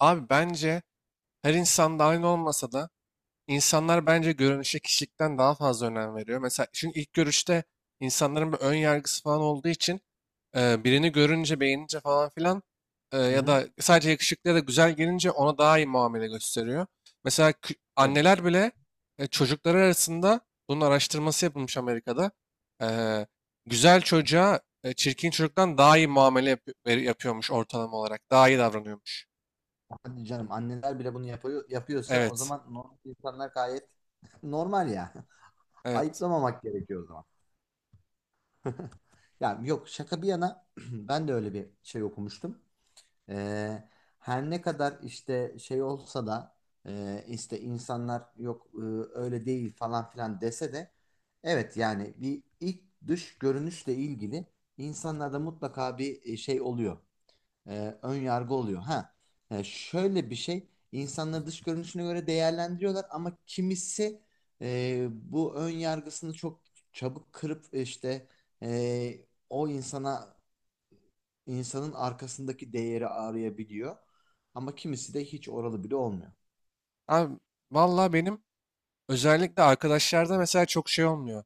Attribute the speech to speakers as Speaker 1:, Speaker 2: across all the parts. Speaker 1: Abi bence her insan da aynı olmasa da insanlar bence görünüşe kişilikten daha fazla önem veriyor. Mesela çünkü ilk görüşte insanların bir ön yargısı falan olduğu için birini görünce beğenince falan filan
Speaker 2: Hı
Speaker 1: ya
Speaker 2: hı.
Speaker 1: da sadece yakışıklı ya da güzel gelince ona daha iyi muamele gösteriyor. Mesela
Speaker 2: Evet.
Speaker 1: anneler bile çocukları arasında bunun araştırması yapılmış Amerika'da. E, Güzel çocuğa çirkin çocuktan daha iyi muamele yapıyormuş ortalama olarak. Daha iyi davranıyormuş.
Speaker 2: Hadi canım anneler bile bunu yapıyor, yapıyorsa o
Speaker 1: Evet.
Speaker 2: zaman normal insanlar gayet normal ya.
Speaker 1: Evet.
Speaker 2: Ayıplamamak gerekiyor o zaman. Ya yok, şaka bir yana, ben de öyle bir şey okumuştum. Ee, Her ne kadar işte şey olsa da işte insanlar yok, öyle değil falan filan dese de, evet yani bir ilk dış görünüşle ilgili insanlarda mutlaka bir şey oluyor. Ön yargı oluyor. Ha, şöyle bir şey, insanları dış görünüşüne göre değerlendiriyorlar ama kimisi bu ön yargısını çok çabuk kırıp işte o insana, insanın arkasındaki değeri arayabiliyor. Ama kimisi de hiç oralı bile olmuyor.
Speaker 1: Abi valla benim özellikle arkadaşlarda mesela çok şey olmuyor.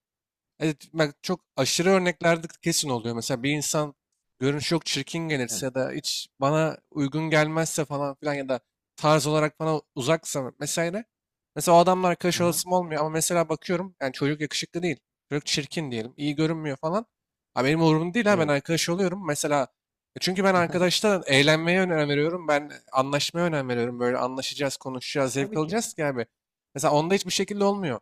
Speaker 1: Evet, bak çok aşırı örneklerde kesin oluyor. Mesela bir insan görünüş çok çirkin gelirse
Speaker 2: Evet.
Speaker 1: ya da hiç bana uygun gelmezse falan filan ya da tarz olarak bana uzaksa mesela mesela o adamla arkadaş
Speaker 2: Aha,
Speaker 1: olasım olmuyor ama mesela bakıyorum yani çocuk yakışıklı değil. Çocuk çirkin diyelim. İyi görünmüyor falan. Ha, benim umurumda değil ha ben
Speaker 2: evet.
Speaker 1: arkadaş oluyorum. Mesela çünkü ben arkadaşta eğlenmeye önem veriyorum. Ben anlaşmaya önem veriyorum. Böyle anlaşacağız, konuşacağız, zevk
Speaker 2: Tabii ki.
Speaker 1: alacağız ki abi. Mesela onda hiçbir şekilde olmuyor.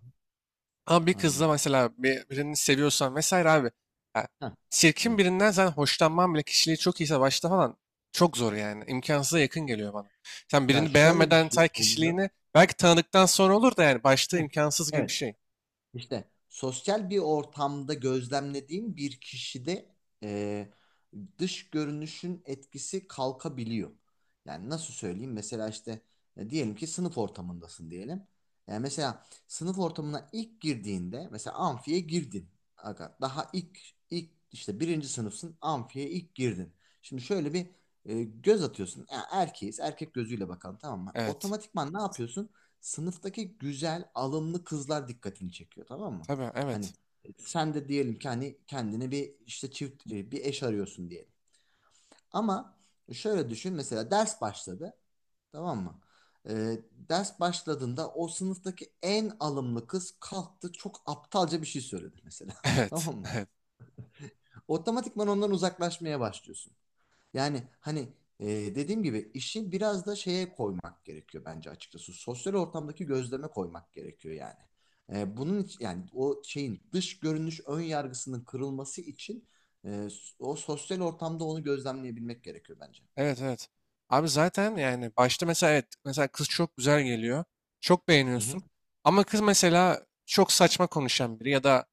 Speaker 1: Ama bir kızla
Speaker 2: Anladım.
Speaker 1: mesela birini seviyorsan vesaire abi. Ya
Speaker 2: Heh,
Speaker 1: çirkin
Speaker 2: evet.
Speaker 1: birinden sen hoşlanman bile kişiliği çok iyiyse başta falan çok zor yani. İmkansıza yakın geliyor bana. Sen
Speaker 2: Ya
Speaker 1: birini
Speaker 2: şöyle bir
Speaker 1: beğenmeden
Speaker 2: şey
Speaker 1: say
Speaker 2: oluyor.
Speaker 1: kişiliğini, belki tanıdıktan sonra olur da yani başta
Speaker 2: Heh,
Speaker 1: imkansız gibi bir
Speaker 2: evet.
Speaker 1: şey.
Speaker 2: İşte sosyal bir ortamda gözlemlediğim bir kişide e, dış görünüşün etkisi kalkabiliyor. Yani nasıl söyleyeyim? Mesela işte, diyelim ki sınıf ortamındasın diyelim. Yani mesela sınıf ortamına ilk girdiğinde mesela amfiye girdin. Aga, daha ilk işte birinci sınıfsın, amfiye ilk girdin. Şimdi şöyle bir göz atıyorsun. Ya erkeğiz, erkek gözüyle bakalım, tamam mı?
Speaker 1: Evet.
Speaker 2: Otomatikman ne yapıyorsun? Sınıftaki güzel, alımlı kızlar dikkatini çekiyor, tamam mı?
Speaker 1: Tabii
Speaker 2: Hani
Speaker 1: evet.
Speaker 2: sen de diyelim ki hani kendine bir işte çift bir eş arıyorsun diyelim. Ama şöyle düşün, mesela ders başladı, tamam mı? Ders başladığında o sınıftaki en alımlı kız kalktı, çok aptalca bir şey söyledi mesela.
Speaker 1: Evet.
Speaker 2: Tamam mı?
Speaker 1: Evet.
Speaker 2: Otomatikman ondan uzaklaşmaya başlıyorsun. Yani hani, dediğim gibi işi biraz da şeye koymak gerekiyor bence, açıkçası. Sosyal ortamdaki gözleme koymak gerekiyor yani. Bunun için, yani o şeyin dış görünüş ön yargısının kırılması için e, o sosyal ortamda onu gözlemleyebilmek gerekiyor bence.
Speaker 1: Evet, evet. Abi zaten yani başta mesela evet mesela kız çok güzel geliyor. Çok
Speaker 2: Hı hı.
Speaker 1: beğeniyorsun. Ama kız mesela çok saçma konuşan biri ya da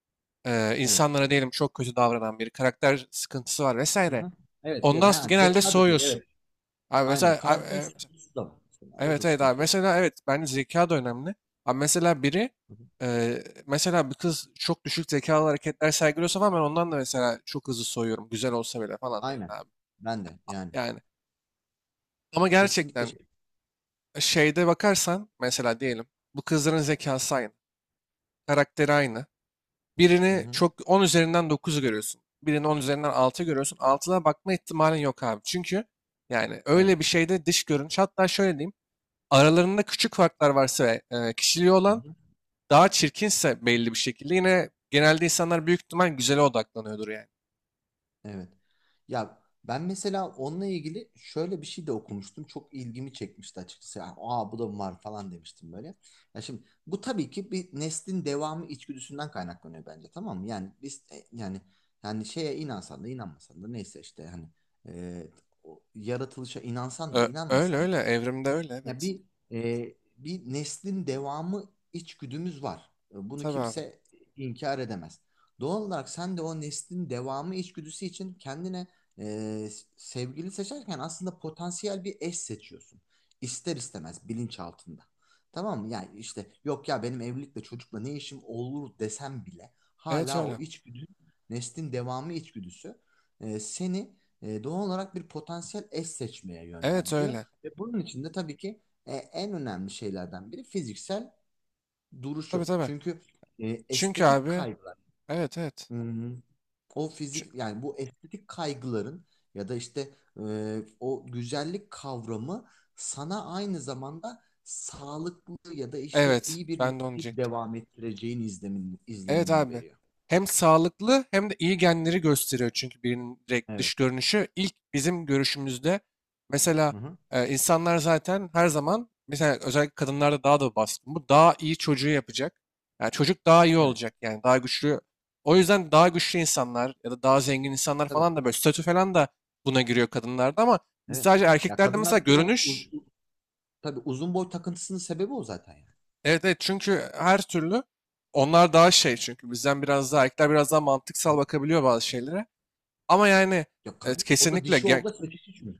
Speaker 2: Evet.
Speaker 1: insanlara diyelim çok kötü davranan biri. Karakter sıkıntısı var
Speaker 2: Hı
Speaker 1: vesaire.
Speaker 2: hı. Evet ya
Speaker 1: Ondan
Speaker 2: da ha,
Speaker 1: genelde
Speaker 2: zeka da değil,
Speaker 1: soğuyorsun.
Speaker 2: evet.
Speaker 1: Abi
Speaker 2: Aynen,
Speaker 1: mesela abi,
Speaker 2: karakter
Speaker 1: e,
Speaker 2: sıkıntısı da var mesela. O da
Speaker 1: evet evet abi
Speaker 2: sıkıntı oluyor.
Speaker 1: mesela evet bence zeka da önemli. Abi mesela biri
Speaker 2: Hı hı.
Speaker 1: mesela bir kız çok düşük zekalı hareketler sergiliyorsa falan ben ondan da mesela çok hızlı soğuyorum. Güzel olsa bile falan yani
Speaker 2: Aynen.
Speaker 1: abi.
Speaker 2: Ben de yani
Speaker 1: Yani ama
Speaker 2: kesinlikle
Speaker 1: gerçekten
Speaker 2: şey.
Speaker 1: şeyde bakarsan mesela diyelim bu kızların zekası aynı, karakteri aynı.
Speaker 2: Hı
Speaker 1: Birini
Speaker 2: hı.
Speaker 1: çok 10 üzerinden dokuzu görüyorsun. Birini 10 üzerinden 6 görüyorsun. 6'da bakma ihtimalin yok abi. Çünkü yani
Speaker 2: Evet.
Speaker 1: öyle bir şeyde dış görünüş hatta şöyle diyeyim aralarında küçük farklar varsa ve kişiliği
Speaker 2: Hı
Speaker 1: olan
Speaker 2: hı.
Speaker 1: daha çirkinse belli bir şekilde yine genelde insanlar büyük ihtimal güzele odaklanıyordur yani.
Speaker 2: Evet. Ya ben mesela onunla ilgili şöyle bir şey de okumuştum. Çok ilgimi çekmişti, açıkçası. Ya, aa, bu da mı var falan demiştim böyle. Ya şimdi bu tabii ki bir neslin devamı içgüdüsünden kaynaklanıyor bence, tamam mı? Yani biz yani şeye inansan da inanmasan da, neyse işte, hani e, o yaratılışa inansan da
Speaker 1: Öyle
Speaker 2: inanmasan,
Speaker 1: öyle evrimde öyle
Speaker 2: ya
Speaker 1: evet.
Speaker 2: bir bir neslin devamı içgüdümüz var. E, bunu
Speaker 1: Tabii abi.
Speaker 2: kimse inkar edemez. Doğal olarak sen de o neslin devamı içgüdüsü için kendine e, sevgili seçerken aslında potansiyel bir eş seçiyorsun. İster istemez bilinçaltında. Tamam mı? Yani işte yok ya, benim evlilikle çocukla ne işim olur desem bile
Speaker 1: Evet
Speaker 2: hala
Speaker 1: öyle.
Speaker 2: o içgüdü, neslin devamı içgüdüsü seni doğal olarak bir potansiyel eş seçmeye
Speaker 1: Evet
Speaker 2: yönlendiriyor.
Speaker 1: öyle.
Speaker 2: Ve bunun içinde tabii ki en önemli şeylerden biri fiziksel
Speaker 1: Tabii
Speaker 2: duruşu.
Speaker 1: tabii.
Speaker 2: Çünkü
Speaker 1: Çünkü
Speaker 2: estetik
Speaker 1: abi
Speaker 2: kaygılar,
Speaker 1: evet evet.
Speaker 2: hmm, o fizik, yani bu estetik kaygıların ya da işte o güzellik kavramı sana aynı zamanda sağlıklı ya da işte
Speaker 1: Evet,
Speaker 2: iyi bir
Speaker 1: ben de onu
Speaker 2: nesil
Speaker 1: diyecektim.
Speaker 2: devam ettireceğin izlemin,
Speaker 1: Evet
Speaker 2: izlenimini
Speaker 1: abi.
Speaker 2: veriyor.
Speaker 1: Hem sağlıklı hem de iyi genleri gösteriyor çünkü birinin direkt
Speaker 2: Evet.
Speaker 1: dış görünüşü. İlk bizim görüşümüzde mesela
Speaker 2: Hı hı.
Speaker 1: insanlar zaten her zaman mesela özellikle kadınlarda daha da baskın. Bu daha iyi çocuğu yapacak. Yani çocuk daha iyi
Speaker 2: Evet.
Speaker 1: olacak yani daha güçlü. O yüzden daha güçlü insanlar ya da daha zengin insanlar
Speaker 2: Tabii.
Speaker 1: falan da böyle statü falan da buna giriyor kadınlarda ama biz
Speaker 2: Evet.
Speaker 1: sadece
Speaker 2: Ya
Speaker 1: erkeklerde mesela
Speaker 2: kadınlardaki o
Speaker 1: görünüş.
Speaker 2: tabii uzun boy takıntısının sebebi o zaten, yani.
Speaker 1: Evet evet çünkü her türlü onlar daha şey çünkü bizden biraz daha erkekler biraz daha mantıksal bakabiliyor bazı şeylere. Ama yani
Speaker 2: Yok,
Speaker 1: evet,
Speaker 2: kadın orada, dişi orada seçici çünkü.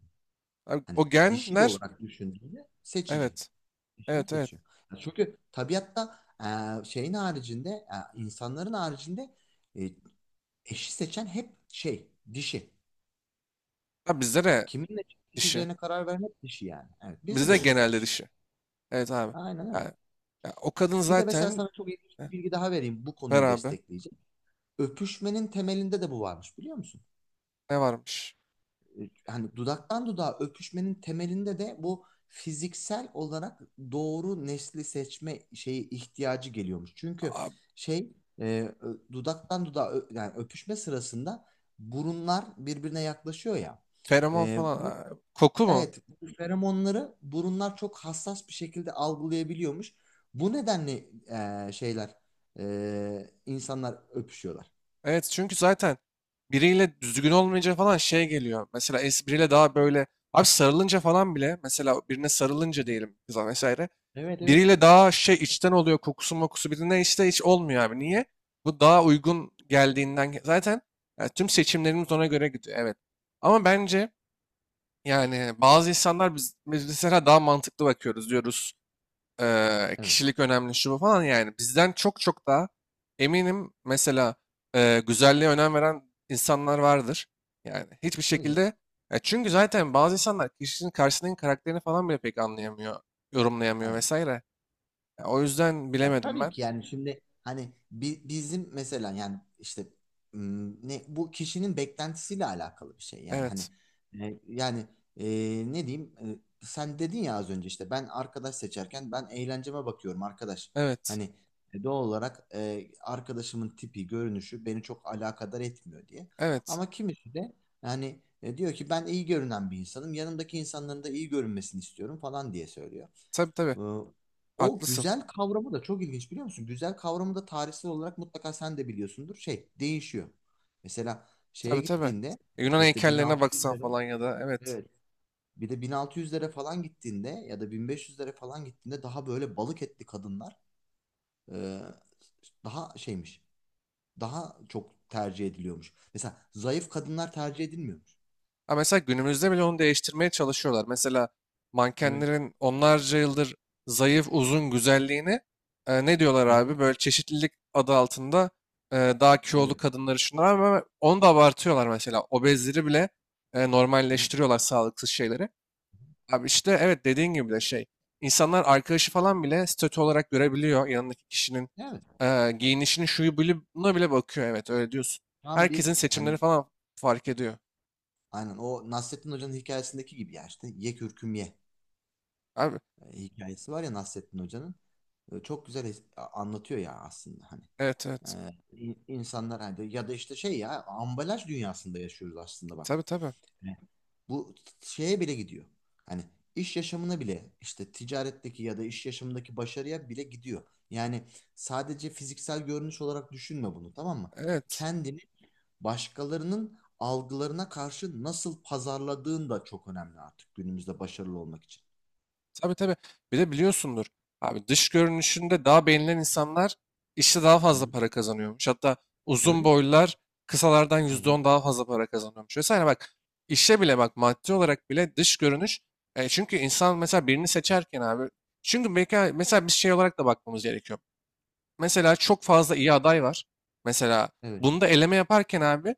Speaker 1: abi
Speaker 2: Hani
Speaker 1: o
Speaker 2: dişil
Speaker 1: genler
Speaker 2: olarak düşündüğünde seçici.
Speaker 1: evet
Speaker 2: Dişini
Speaker 1: evet evet.
Speaker 2: seçiyor. Ya çünkü tabiatta şeyin haricinde, insanların haricinde, e, eşi seçen hep şey dişi.
Speaker 1: Abi bizde
Speaker 2: Yani
Speaker 1: de
Speaker 2: kiminle
Speaker 1: dişi.
Speaker 2: eşleşeceğine karar vermek dişi yani. Evet, bizde
Speaker 1: Bizde
Speaker 2: de
Speaker 1: de
Speaker 2: öyle
Speaker 1: genelde
Speaker 2: gerçi.
Speaker 1: dişi. Evet abi.
Speaker 2: Aynen öyle.
Speaker 1: Yani, ya o kadın
Speaker 2: Bir de mesela
Speaker 1: zaten.
Speaker 2: sana çok ilginç
Speaker 1: Heh,
Speaker 2: bir bilgi daha vereyim, bu
Speaker 1: ver
Speaker 2: konuyu
Speaker 1: abi
Speaker 2: destekleyecek. Öpüşmenin temelinde de bu varmış, biliyor musun?
Speaker 1: ne varmış?
Speaker 2: Hani dudaktan dudağa öpüşmenin temelinde de bu fiziksel olarak doğru nesli seçme şeyi ihtiyacı geliyormuş. Çünkü
Speaker 1: Aa,
Speaker 2: şey, e, dudaktan dudağa yani öpüşme sırasında burunlar birbirine yaklaşıyor ya.
Speaker 1: feromon
Speaker 2: E,
Speaker 1: falan.
Speaker 2: bu
Speaker 1: Aa, koku mu?
Speaker 2: Evet, bu feromonları burunlar çok hassas bir şekilde algılayabiliyormuş. Bu nedenle şeyler, insanlar öpüşüyorlar.
Speaker 1: Evet çünkü zaten biriyle düzgün olmayınca falan şey geliyor. Mesela biriyle daha böyle abi sarılınca falan bile mesela birine
Speaker 2: Hı
Speaker 1: sarılınca
Speaker 2: hı.
Speaker 1: diyelim kıza vesaire.
Speaker 2: Evet evet.
Speaker 1: Biriyle daha şey içten oluyor kokusu mokusu birine işte hiç olmuyor abi. Niye? Bu daha uygun geldiğinden zaten yani tüm seçimlerimiz ona göre gidiyor evet. Ama bence yani bazı insanlar biz mesela daha mantıklı bakıyoruz diyoruz.
Speaker 2: Evet.
Speaker 1: Kişilik önemli şu bu falan yani bizden çok çok daha eminim mesela güzelliğe önem veren insanlar vardır. Yani hiçbir
Speaker 2: Tabii
Speaker 1: şekilde,
Speaker 2: canım.
Speaker 1: ya çünkü zaten bazı insanlar kişinin karşısındaki karakterini falan bile pek anlayamıyor, yorumlayamıyor
Speaker 2: Aynen.
Speaker 1: vesaire. Ya o yüzden
Speaker 2: Ya
Speaker 1: bilemedim
Speaker 2: tabii
Speaker 1: ben.
Speaker 2: ki, yani şimdi hani bizim mesela, yani işte ne, bu kişinin beklentisiyle alakalı bir şey. Yani hani
Speaker 1: Evet.
Speaker 2: yani e, ne diyeyim, sen dedin ya az önce, işte ben arkadaş seçerken ben eğlenceme bakıyorum arkadaş.
Speaker 1: Evet.
Speaker 2: Hani doğal olarak arkadaşımın tipi, görünüşü beni çok alakadar etmiyor diye.
Speaker 1: Evet.
Speaker 2: Ama kimisi de yani diyor ki, ben iyi görünen bir insanım, yanımdaki insanların da iyi görünmesini istiyorum falan diye söylüyor.
Speaker 1: Tabii tabii.
Speaker 2: Ee, O
Speaker 1: Haklısın.
Speaker 2: güzel kavramı da çok ilginç, biliyor musun? Güzel kavramı da tarihsel olarak mutlaka sen de biliyorsundur. Şey değişiyor. Mesela şeye
Speaker 1: Tabii tabii.
Speaker 2: gittiğinde,
Speaker 1: Yunan
Speaker 2: işte
Speaker 1: heykellerine baksan
Speaker 2: 1600'lere,
Speaker 1: falan ya da evet.
Speaker 2: evet, bir de 1600'lere falan gittiğinde ya da 1500'lere falan gittiğinde daha böyle balık etli kadınlar e, daha şeymiş. Daha çok tercih ediliyormuş. Mesela zayıf kadınlar tercih edilmiyormuş.
Speaker 1: Ha mesela günümüzde bile onu değiştirmeye çalışıyorlar. Mesela
Speaker 2: Evet.
Speaker 1: mankenlerin onlarca yıldır zayıf, uzun güzelliğini ne diyorlar
Speaker 2: Hı-hı.
Speaker 1: abi? Böyle çeşitlilik adı altında daha kilolu
Speaker 2: Evet.
Speaker 1: kadınları şunlar ama onu da abartıyorlar mesela. Obezleri bile
Speaker 2: Hı-hı.
Speaker 1: normalleştiriyorlar sağlıksız şeyleri. Abi işte evet dediğin gibi de şey. İnsanlar arkadaşı falan bile statü olarak görebiliyor. Yanındaki kişinin
Speaker 2: Evet.
Speaker 1: giyinişini şuyu bile buna bile bakıyor. Evet öyle diyorsun.
Speaker 2: Tam bir
Speaker 1: Herkesin seçimleri
Speaker 2: hani,
Speaker 1: falan fark ediyor.
Speaker 2: aynen o Nasrettin Hoca'nın hikayesindeki gibi ya, işte ye kürküm ye.
Speaker 1: Abi
Speaker 2: Hikayesi var ya Nasrettin Hoca'nın. E, çok güzel anlatıyor ya, aslında hani.
Speaker 1: evet evet.
Speaker 2: E, insanlar hani, ya da işte şey, ya ambalaj dünyasında yaşıyoruz aslında, bak.
Speaker 1: Tabii tabii.
Speaker 2: Evet. Bu şeye bile gidiyor. Hani iş yaşamına bile, işte ticaretteki ya da iş yaşamındaki başarıya bile gidiyor. Yani sadece fiziksel görünüş olarak düşünme bunu, tamam mı?
Speaker 1: Evet.
Speaker 2: Kendini başkalarının algılarına karşı nasıl pazarladığın da çok önemli artık günümüzde başarılı olmak için.
Speaker 1: Tabii tabii. Bir de biliyorsundur. Abi dış görünüşünde daha beğenilen insanlar işte daha
Speaker 2: Hı hı.
Speaker 1: fazla para kazanıyormuş. Hatta uzun
Speaker 2: Evet.
Speaker 1: boylular kısalardan
Speaker 2: Hı
Speaker 1: yüzde
Speaker 2: hı.
Speaker 1: on daha fazla para kazanıyormuş. Vesaire bak işe bile bak maddi olarak bile dış görünüş. Çünkü insan mesela birini seçerken abi. Çünkü belki mesela bir şey olarak da bakmamız gerekiyor. Mesela çok fazla iyi aday var. Mesela
Speaker 2: Evet.
Speaker 1: bunda eleme yaparken abi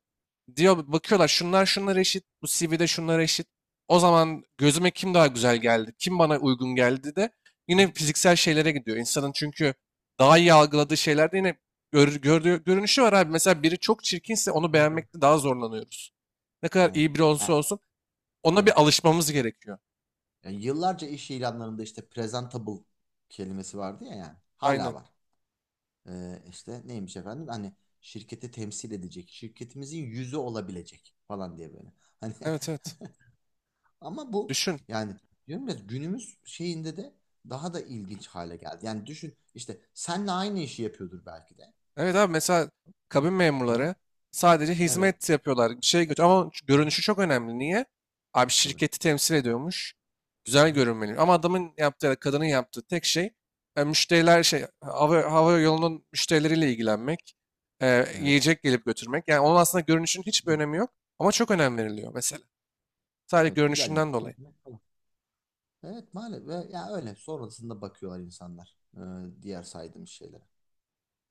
Speaker 1: diyor bakıyorlar şunlar şunlar eşit, bu CV'de şunlar eşit. O zaman gözüme kim daha güzel geldi, kim bana uygun geldi de
Speaker 2: Hı-hı.
Speaker 1: yine fiziksel şeylere gidiyor. İnsanın çünkü daha iyi algıladığı şeylerde yine görünüşü var abi. Mesela biri çok çirkinse onu
Speaker 2: Evet evet.
Speaker 1: beğenmekte daha zorlanıyoruz. Ne kadar
Speaker 2: Aynen.
Speaker 1: iyi biri olsa
Speaker 2: Yani,
Speaker 1: olsun ona
Speaker 2: evet.
Speaker 1: bir alışmamız gerekiyor.
Speaker 2: Yani yıllarca iş ilanlarında işte presentable kelimesi vardı ya yani. Hala
Speaker 1: Aynen.
Speaker 2: var. İşte neymiş efendim? Hani şirketi temsil edecek, şirketimizin yüzü olabilecek falan diye böyle. Hani
Speaker 1: Evet evet.
Speaker 2: ama bu
Speaker 1: Düşün.
Speaker 2: yani, diyorum ya günümüz şeyinde de daha da ilginç hale geldi. Yani düşün, işte senle aynı işi yapıyordur belki de.
Speaker 1: Evet abi mesela kabin
Speaker 2: Hı-hı.
Speaker 1: memurları sadece
Speaker 2: Evet.
Speaker 1: hizmet yapıyorlar. Bir şey götür ama şu
Speaker 2: Hı-hı.
Speaker 1: görünüşü çok önemli. Niye? Abi
Speaker 2: Tabii.
Speaker 1: şirketi temsil ediyormuş. Güzel
Speaker 2: Hı-hı.
Speaker 1: görünmeli. Ama adamın yaptığı, ya da kadının yaptığı tek şey müşteriler şey hava yolunun müşterileriyle ilgilenmek,
Speaker 2: Evet.
Speaker 1: yiyecek gelip götürmek. Yani onun aslında görünüşün hiçbir önemi yok ama çok önem veriliyor mesela. Sadece
Speaker 2: Evet. Güler yüz.
Speaker 1: görünüşünden dolayı.
Speaker 2: Evet maalesef, ve ya öyle sonrasında bakıyorlar insanlar diğer saydığım şeylere.